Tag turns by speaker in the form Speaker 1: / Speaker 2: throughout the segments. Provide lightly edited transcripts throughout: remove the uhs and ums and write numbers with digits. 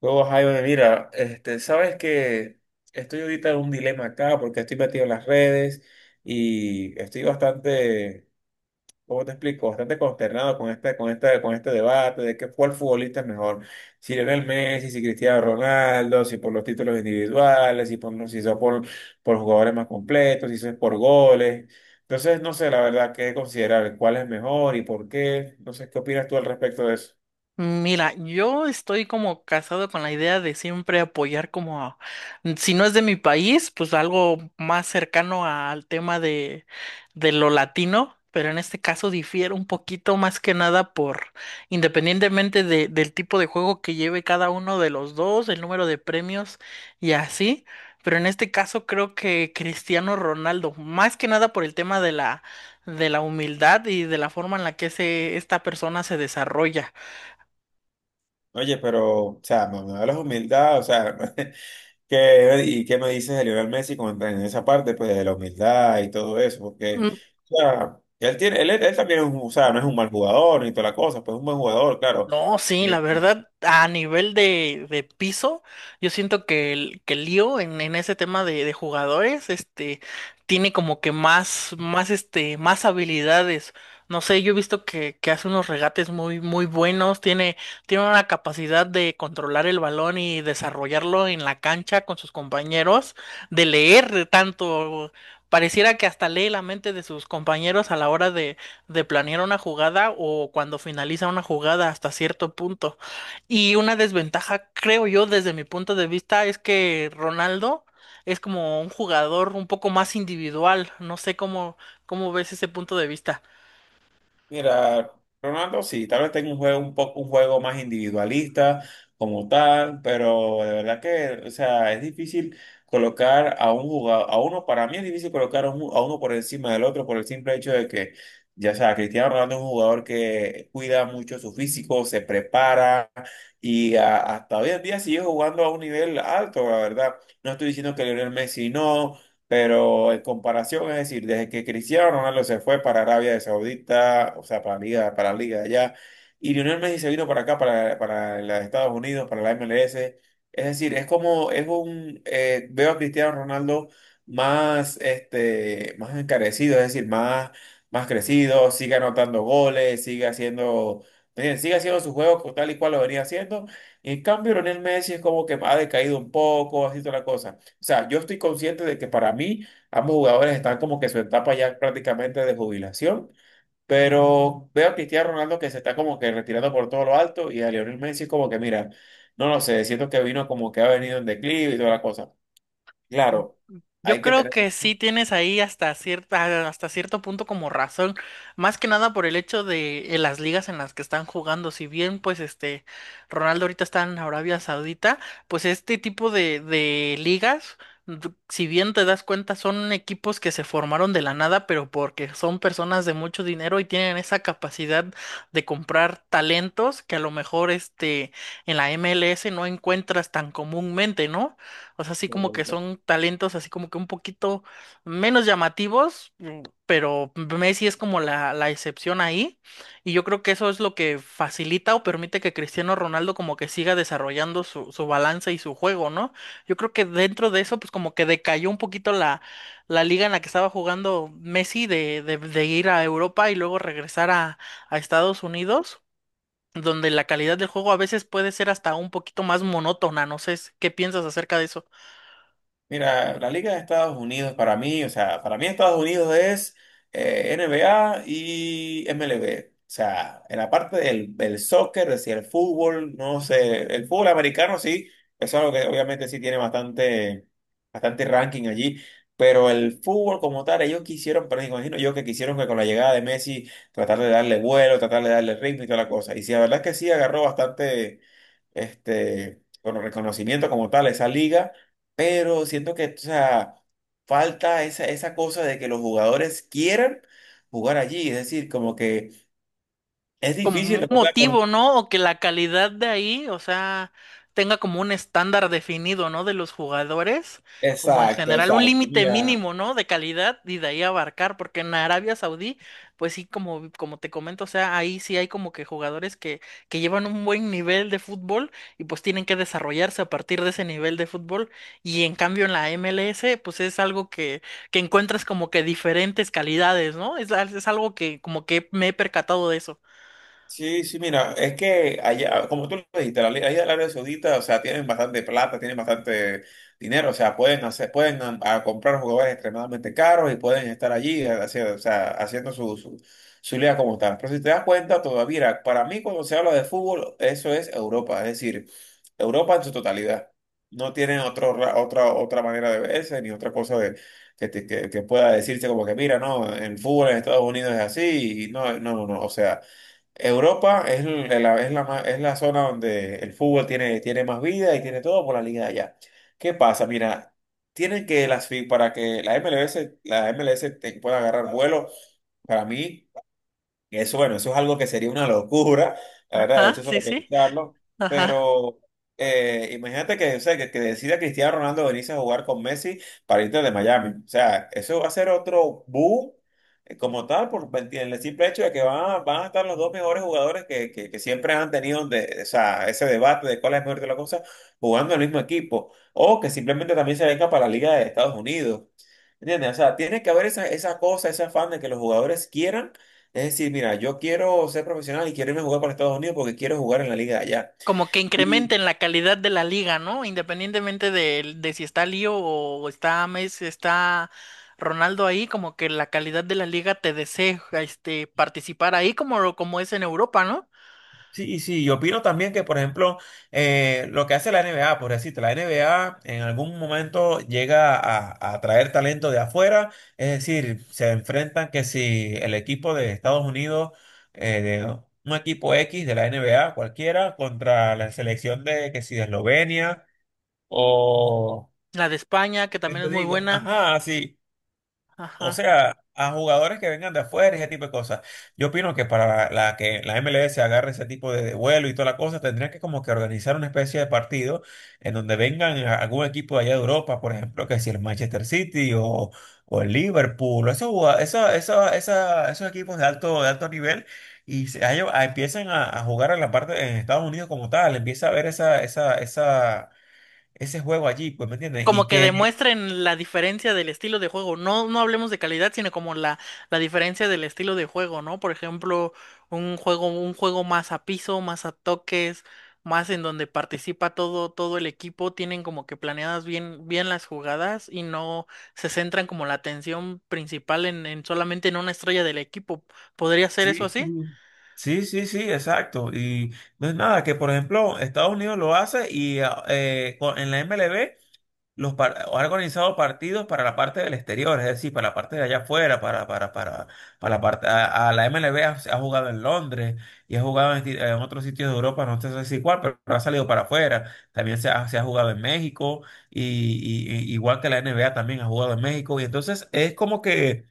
Speaker 1: Luego, Jaime, mira, sabes que estoy ahorita en un dilema acá porque estoy metido en las redes y estoy bastante, ¿cómo te explico? Bastante consternado con este debate de que cuál futbolista es mejor, si Lionel Messi, si Cristiano Ronaldo, si por los títulos individuales, por jugadores más completos, si son por goles. Entonces, no sé, la verdad, qué considerar, cuál es mejor y por qué. No sé, ¿qué opinas tú al respecto de eso?
Speaker 2: Mira, yo estoy como casado con la idea de siempre apoyar como, a- si no es de mi país, pues algo más cercano al tema de lo latino, pero en este caso difiere un poquito más que nada por, independientemente de- del tipo de juego que lleve cada uno de los dos, el número de premios y así, pero en este caso creo que Cristiano Ronaldo, más que nada por el tema de de la humildad y de la forma en la que se, esta persona se desarrolla.
Speaker 1: Oye, pero, o sea, no me hablas humildad, o sea, ¿Qué, y qué me dices de Lionel Messi con- en esa parte pues, de la humildad y todo eso? Porque, o sea, él tiene, él también es un, o sea, no es un mal jugador ni toda la cosa, pues es un buen jugador, claro.
Speaker 2: No, sí, la verdad, a nivel de piso, yo siento que que el lío en ese tema de jugadores, tiene como que más, más habilidades. No sé, yo he visto que hace unos regates muy, muy buenos, tiene, tiene una capacidad de controlar el balón y desarrollarlo en la cancha con sus compañeros, de leer tanto, pareciera que hasta lee la mente de sus compañeros a la hora de planear una jugada o cuando finaliza una jugada hasta cierto punto. Y una desventaja, creo yo, desde mi punto de vista, es que Ronaldo es como un jugador un poco más individual. No sé cómo, cómo ves ese punto de vista.
Speaker 1: Mira, Ronaldo, sí, tal vez tenga un juego un poco un juego más individualista como tal, pero de verdad que, o sea, es difícil colocar a un jugador, a uno, para mí es difícil colocar a, a uno por encima del otro por el simple hecho de que, ya sea, Cristiano Ronaldo es un jugador que cuida mucho su físico, se prepara y hasta hoy en día sigue jugando a un nivel alto, la verdad. No estoy diciendo que Lionel Messi no. Pero en comparación, es decir, desde que Cristiano Ronaldo se fue para Arabia de Saudita, o sea, para la liga de allá, y Lionel Messi se vino para acá, para los Estados Unidos, para la MLS, es decir, es como, es un, veo a Cristiano Ronaldo más, más encarecido, es decir, más, más crecido, sigue anotando goles, sigue haciendo su juego tal y cual lo venía haciendo, y en cambio Lionel Messi es como que ha decaído un poco, así toda la cosa. O sea, yo estoy consciente de que para mí ambos jugadores están como que en su etapa ya prácticamente de jubilación, pero veo a Cristiano Ronaldo que se está como que retirando por todo lo alto y a Lionel Messi como que mira, no lo sé, siento que vino como que ha venido en declive y toda la cosa. Claro,
Speaker 2: Yo
Speaker 1: hay que
Speaker 2: creo
Speaker 1: tener.
Speaker 2: que sí tienes ahí hasta cierta, hasta cierto punto como razón, más que nada por el hecho de las ligas en las que están jugando. Si bien, pues, este, Ronaldo ahorita está en Arabia Saudita, pues este tipo de ligas, d- si bien te das cuenta, son equipos que se formaron de la nada, pero porque son personas de mucho dinero y tienen esa capacidad de comprar talentos que a lo mejor, este, en la MLS no encuentras tan comúnmente, ¿no? O sea, así como que son talentos así como que un poquito menos llamativos, pero Messi es como la excepción ahí. Y yo creo que eso es lo que facilita o permite que Cristiano Ronaldo como que siga desarrollando su, su balance y su juego, ¿no? Yo creo que dentro de eso, pues como que decayó un poquito la, la liga en la que estaba jugando Messi de ir a Europa y luego regresar a Estados Unidos, donde la calidad del juego a veces puede ser hasta un poquito más monótona, no sé qué piensas acerca de eso.
Speaker 1: Mira, la Liga de Estados Unidos para mí, o sea, para mí Estados Unidos es NBA y MLB. O sea, en la parte del soccer, es decir, el fútbol, no sé, el fútbol americano sí, eso es algo que obviamente sí tiene bastante, bastante ranking allí, pero el fútbol como tal, ellos quisieron, pero me imagino yo que quisieron que con la llegada de Messi tratar de darle vuelo, tratar de darle ritmo y toda la cosa. Y sí, la verdad es que sí agarró bastante bueno, reconocimiento como tal a esa liga, pero siento que, o sea, falta esa, esa cosa de que los jugadores quieran jugar allí, es decir, como que es
Speaker 2: Como
Speaker 1: difícil,
Speaker 2: un
Speaker 1: ¿verdad?
Speaker 2: motivo,
Speaker 1: Con-
Speaker 2: ¿no? O que la calidad de ahí, o sea, tenga como un estándar definido, ¿no? De los jugadores, como en
Speaker 1: exacto,
Speaker 2: general, un
Speaker 1: exacto,
Speaker 2: límite
Speaker 1: mira.
Speaker 2: mínimo, ¿no? De calidad y de ahí abarcar, porque en Arabia Saudí, pues sí, como, como te comento, o sea, ahí sí hay como que jugadores que llevan un buen nivel de fútbol y pues tienen que desarrollarse a partir de ese nivel de fútbol. Y en cambio en la MLS, pues es algo que encuentras como que diferentes calidades, ¿no? Es algo que como que me he percatado de eso.
Speaker 1: Sí, sí, mira, es que allá, como tú lo dijiste, allá en el área saudita, o sea, tienen bastante plata, tienen bastante dinero, o sea, pueden hacer, pueden a comprar jugadores extremadamente caros y pueden estar allí haciendo, o sea, haciendo su liga como tal. Pero si te das cuenta, todavía, mira, para mí cuando se habla de fútbol, eso es Europa, es decir, Europa en su totalidad. No tienen otro, otra manera de verse ni otra cosa de, que pueda decirse como que, mira, no, el fútbol en Estados Unidos es así, y no, no, no, no, o sea. Europa es, es la zona donde el fútbol tiene, tiene más vida y tiene todo por la liga de allá. ¿Qué pasa? Mira, tienen que para que la MLS, la MLS te pueda agarrar vuelo, para mí. Y eso, bueno, eso es algo que sería una locura, la verdad, de
Speaker 2: Ah,
Speaker 1: hecho, solo
Speaker 2: sí, sí.
Speaker 1: pensarlo,
Speaker 2: Ajá.
Speaker 1: pero imagínate que, o sea, que decida Cristiano Ronaldo venirse a jugar con Messi para irte de Miami, o sea, eso va a ser otro boom como tal, por el simple hecho de que van, van a estar los dos mejores jugadores que, que siempre han tenido de, o sea, ese debate de cuál es mejor de la cosa, jugando en el mismo equipo, o que simplemente también se venga para la Liga de Estados Unidos. ¿Entiendes? O sea, tiene que haber esa, esa cosa, ese afán de que los jugadores quieran, es decir, mira, yo quiero ser profesional y quiero irme a jugar para Estados Unidos porque quiero jugar en la liga de allá.
Speaker 2: Como que
Speaker 1: Y
Speaker 2: incrementen la calidad de la liga, ¿no? Independientemente de si está Lío o está Messi, está Ronaldo ahí, como que la calidad de la liga te desee participar ahí, como, como es en Europa, ¿no?
Speaker 1: sí, sí, yo opino también que, por ejemplo, lo que hace la NBA, por decirte, la NBA en algún momento llega a traer talento de afuera, es decir, se enfrentan que si el equipo de Estados Unidos, de un equipo X de la NBA cualquiera, contra la selección de que si de Eslovenia o...
Speaker 2: La de España, que
Speaker 1: ¿Qué
Speaker 2: también
Speaker 1: te
Speaker 2: es muy
Speaker 1: digo?
Speaker 2: buena.
Speaker 1: Ajá, sí. O
Speaker 2: Ajá.
Speaker 1: sea, a jugadores que vengan de afuera, y ese tipo de cosas. Yo opino que para la que la MLS agarre ese tipo de vuelo y toda la cosa, tendría que como que organizar una especie de partido en donde vengan algún equipo de allá de Europa, por ejemplo, que si el Manchester City o el Liverpool, o esos, esos equipos de alto nivel, y empiezan a jugar en la parte en Estados Unidos como tal, empieza a ver esa, ese juego allí, pues, ¿me entiendes? Y
Speaker 2: Como que
Speaker 1: que
Speaker 2: demuestren la diferencia del estilo de juego. No, no hablemos de calidad, sino como la diferencia del estilo de juego, ¿no? Por ejemplo, un juego más a piso, más a toques, más en donde participa todo, todo el equipo, tienen como que planeadas bien, bien las jugadas y no se centran como la atención principal en solamente en una estrella del equipo. ¿Podría ser eso
Speaker 1: sí.
Speaker 2: así?
Speaker 1: Sí, sí, sí, exacto. Y no es nada, que por ejemplo Estados Unidos lo hace y ah, en la MLB ha organizado partidos para la parte del exterior, es decir, para la parte de allá afuera, para la parte, a la MLB ha, ha jugado en Londres y ha jugado en, en otros sitios de Europa, no sé si cuál, pero ha salido para afuera. También se ha jugado en México y, igual que la NBA también ha jugado en México. Y entonces es como que...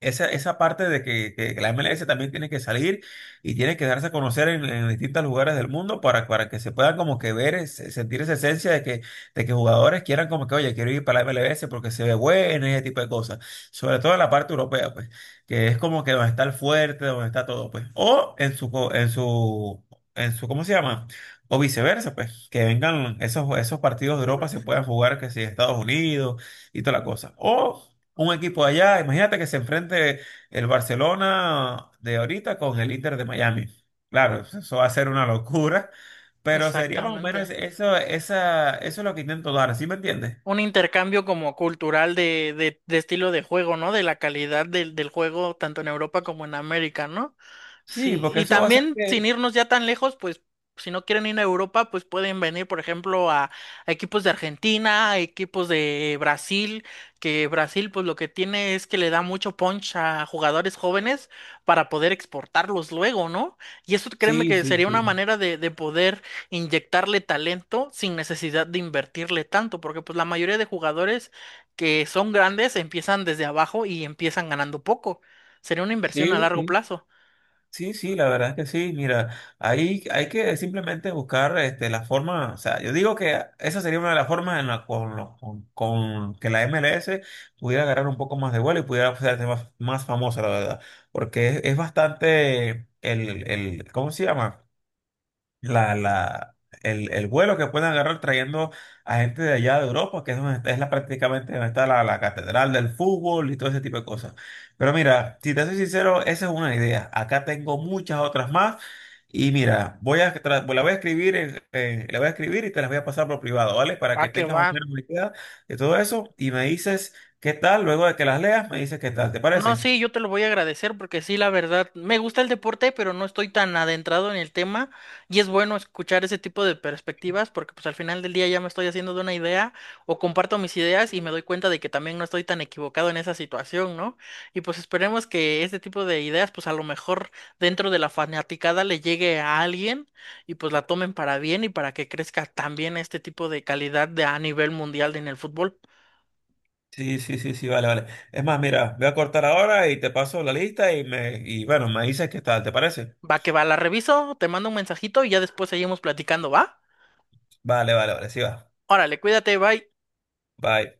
Speaker 1: Esa parte de que la MLS también tiene que salir y tiene que darse a conocer en distintos lugares del mundo para que se pueda como que ver, sentir esa esencia de que jugadores quieran como que, oye, quiero ir para la MLS porque se ve bueno y ese tipo de cosas. Sobre todo en la parte europea, pues, que es como que donde está el fuerte, donde está todo, pues. O en su, en su, en su, ¿cómo se llama? O viceversa, pues, que vengan esos, esos partidos de Europa se
Speaker 2: Uf.
Speaker 1: puedan jugar, que si Estados Unidos y toda la cosa. O un equipo allá. Imagínate que se enfrente el Barcelona de ahorita con el Inter de Miami. Claro, eso va a ser una locura, pero sería más o
Speaker 2: Exactamente.
Speaker 1: menos eso, esa, eso es lo que intento dar, ¿sí me entiendes?
Speaker 2: Un intercambio como cultural de estilo de juego, ¿no? De la calidad del, del juego tanto en Europa como en América, ¿no?
Speaker 1: Sí,
Speaker 2: Sí,
Speaker 1: porque
Speaker 2: y
Speaker 1: eso va a ser
Speaker 2: también
Speaker 1: que...
Speaker 2: sin irnos ya tan lejos, pues si no quieren ir a Europa, pues pueden venir, por ejemplo, a equipos de Argentina, a equipos de Brasil, que Brasil pues lo que tiene es que le da mucho punch a jugadores jóvenes para poder exportarlos luego, ¿no? Y eso créeme
Speaker 1: Sí,
Speaker 2: que
Speaker 1: sí,
Speaker 2: sería una
Speaker 1: sí.
Speaker 2: manera de poder inyectarle talento sin necesidad de invertirle tanto, porque pues la mayoría de jugadores que son grandes empiezan desde abajo y empiezan ganando poco. Sería una inversión a
Speaker 1: Sí,
Speaker 2: largo
Speaker 1: sí.
Speaker 2: plazo.
Speaker 1: Sí, sí, la verdad es que sí. Mira, ahí hay que simplemente buscar este, la forma, o sea, yo digo que esa sería una de las formas en la con, lo- con que la MLS pudiera agarrar un poco más de vuelo y pudiera hacerse más, más famosa, la verdad. Porque es bastante el, ¿cómo se llama? La, el vuelo que pueden agarrar trayendo a gente de allá de Europa, que es, es la, prácticamente donde está la, la catedral del fútbol y todo ese tipo de cosas. Pero mira, si te soy sincero, esa es una idea. Acá tengo muchas otras más. Y mira, la voy a escribir la voy a escribir y te las voy a pasar por privado, ¿vale? Para
Speaker 2: Va
Speaker 1: que
Speaker 2: que
Speaker 1: tengas más
Speaker 2: va.
Speaker 1: o menos una idea de todo eso y me dices qué tal, luego de que las leas, me dices qué tal, ¿te
Speaker 2: No,
Speaker 1: parece?
Speaker 2: sí, yo te lo voy a agradecer porque sí, la verdad, me gusta el deporte, pero no estoy tan adentrado en el tema y es bueno escuchar ese tipo de perspectivas porque pues al final del día ya me estoy haciendo de una idea o comparto mis ideas y me doy cuenta de que también no estoy tan equivocado en esa situación, ¿no? Y pues esperemos que este tipo de ideas pues a lo mejor dentro de la fanaticada le llegue a alguien y pues la tomen para bien y para que crezca también este tipo de calidad de, a nivel mundial en el fútbol.
Speaker 1: Sí, sí, sí, sí, vale, vale. Es más, mira, voy a cortar ahora y te paso la lista y me, y bueno, me dices qué tal, ¿te parece?
Speaker 2: Va que va, la reviso, te mando un mensajito y ya después seguimos platicando, ¿va?
Speaker 1: Vale, vale, vale, sí va.
Speaker 2: Órale, cuídate, bye.
Speaker 1: Bye.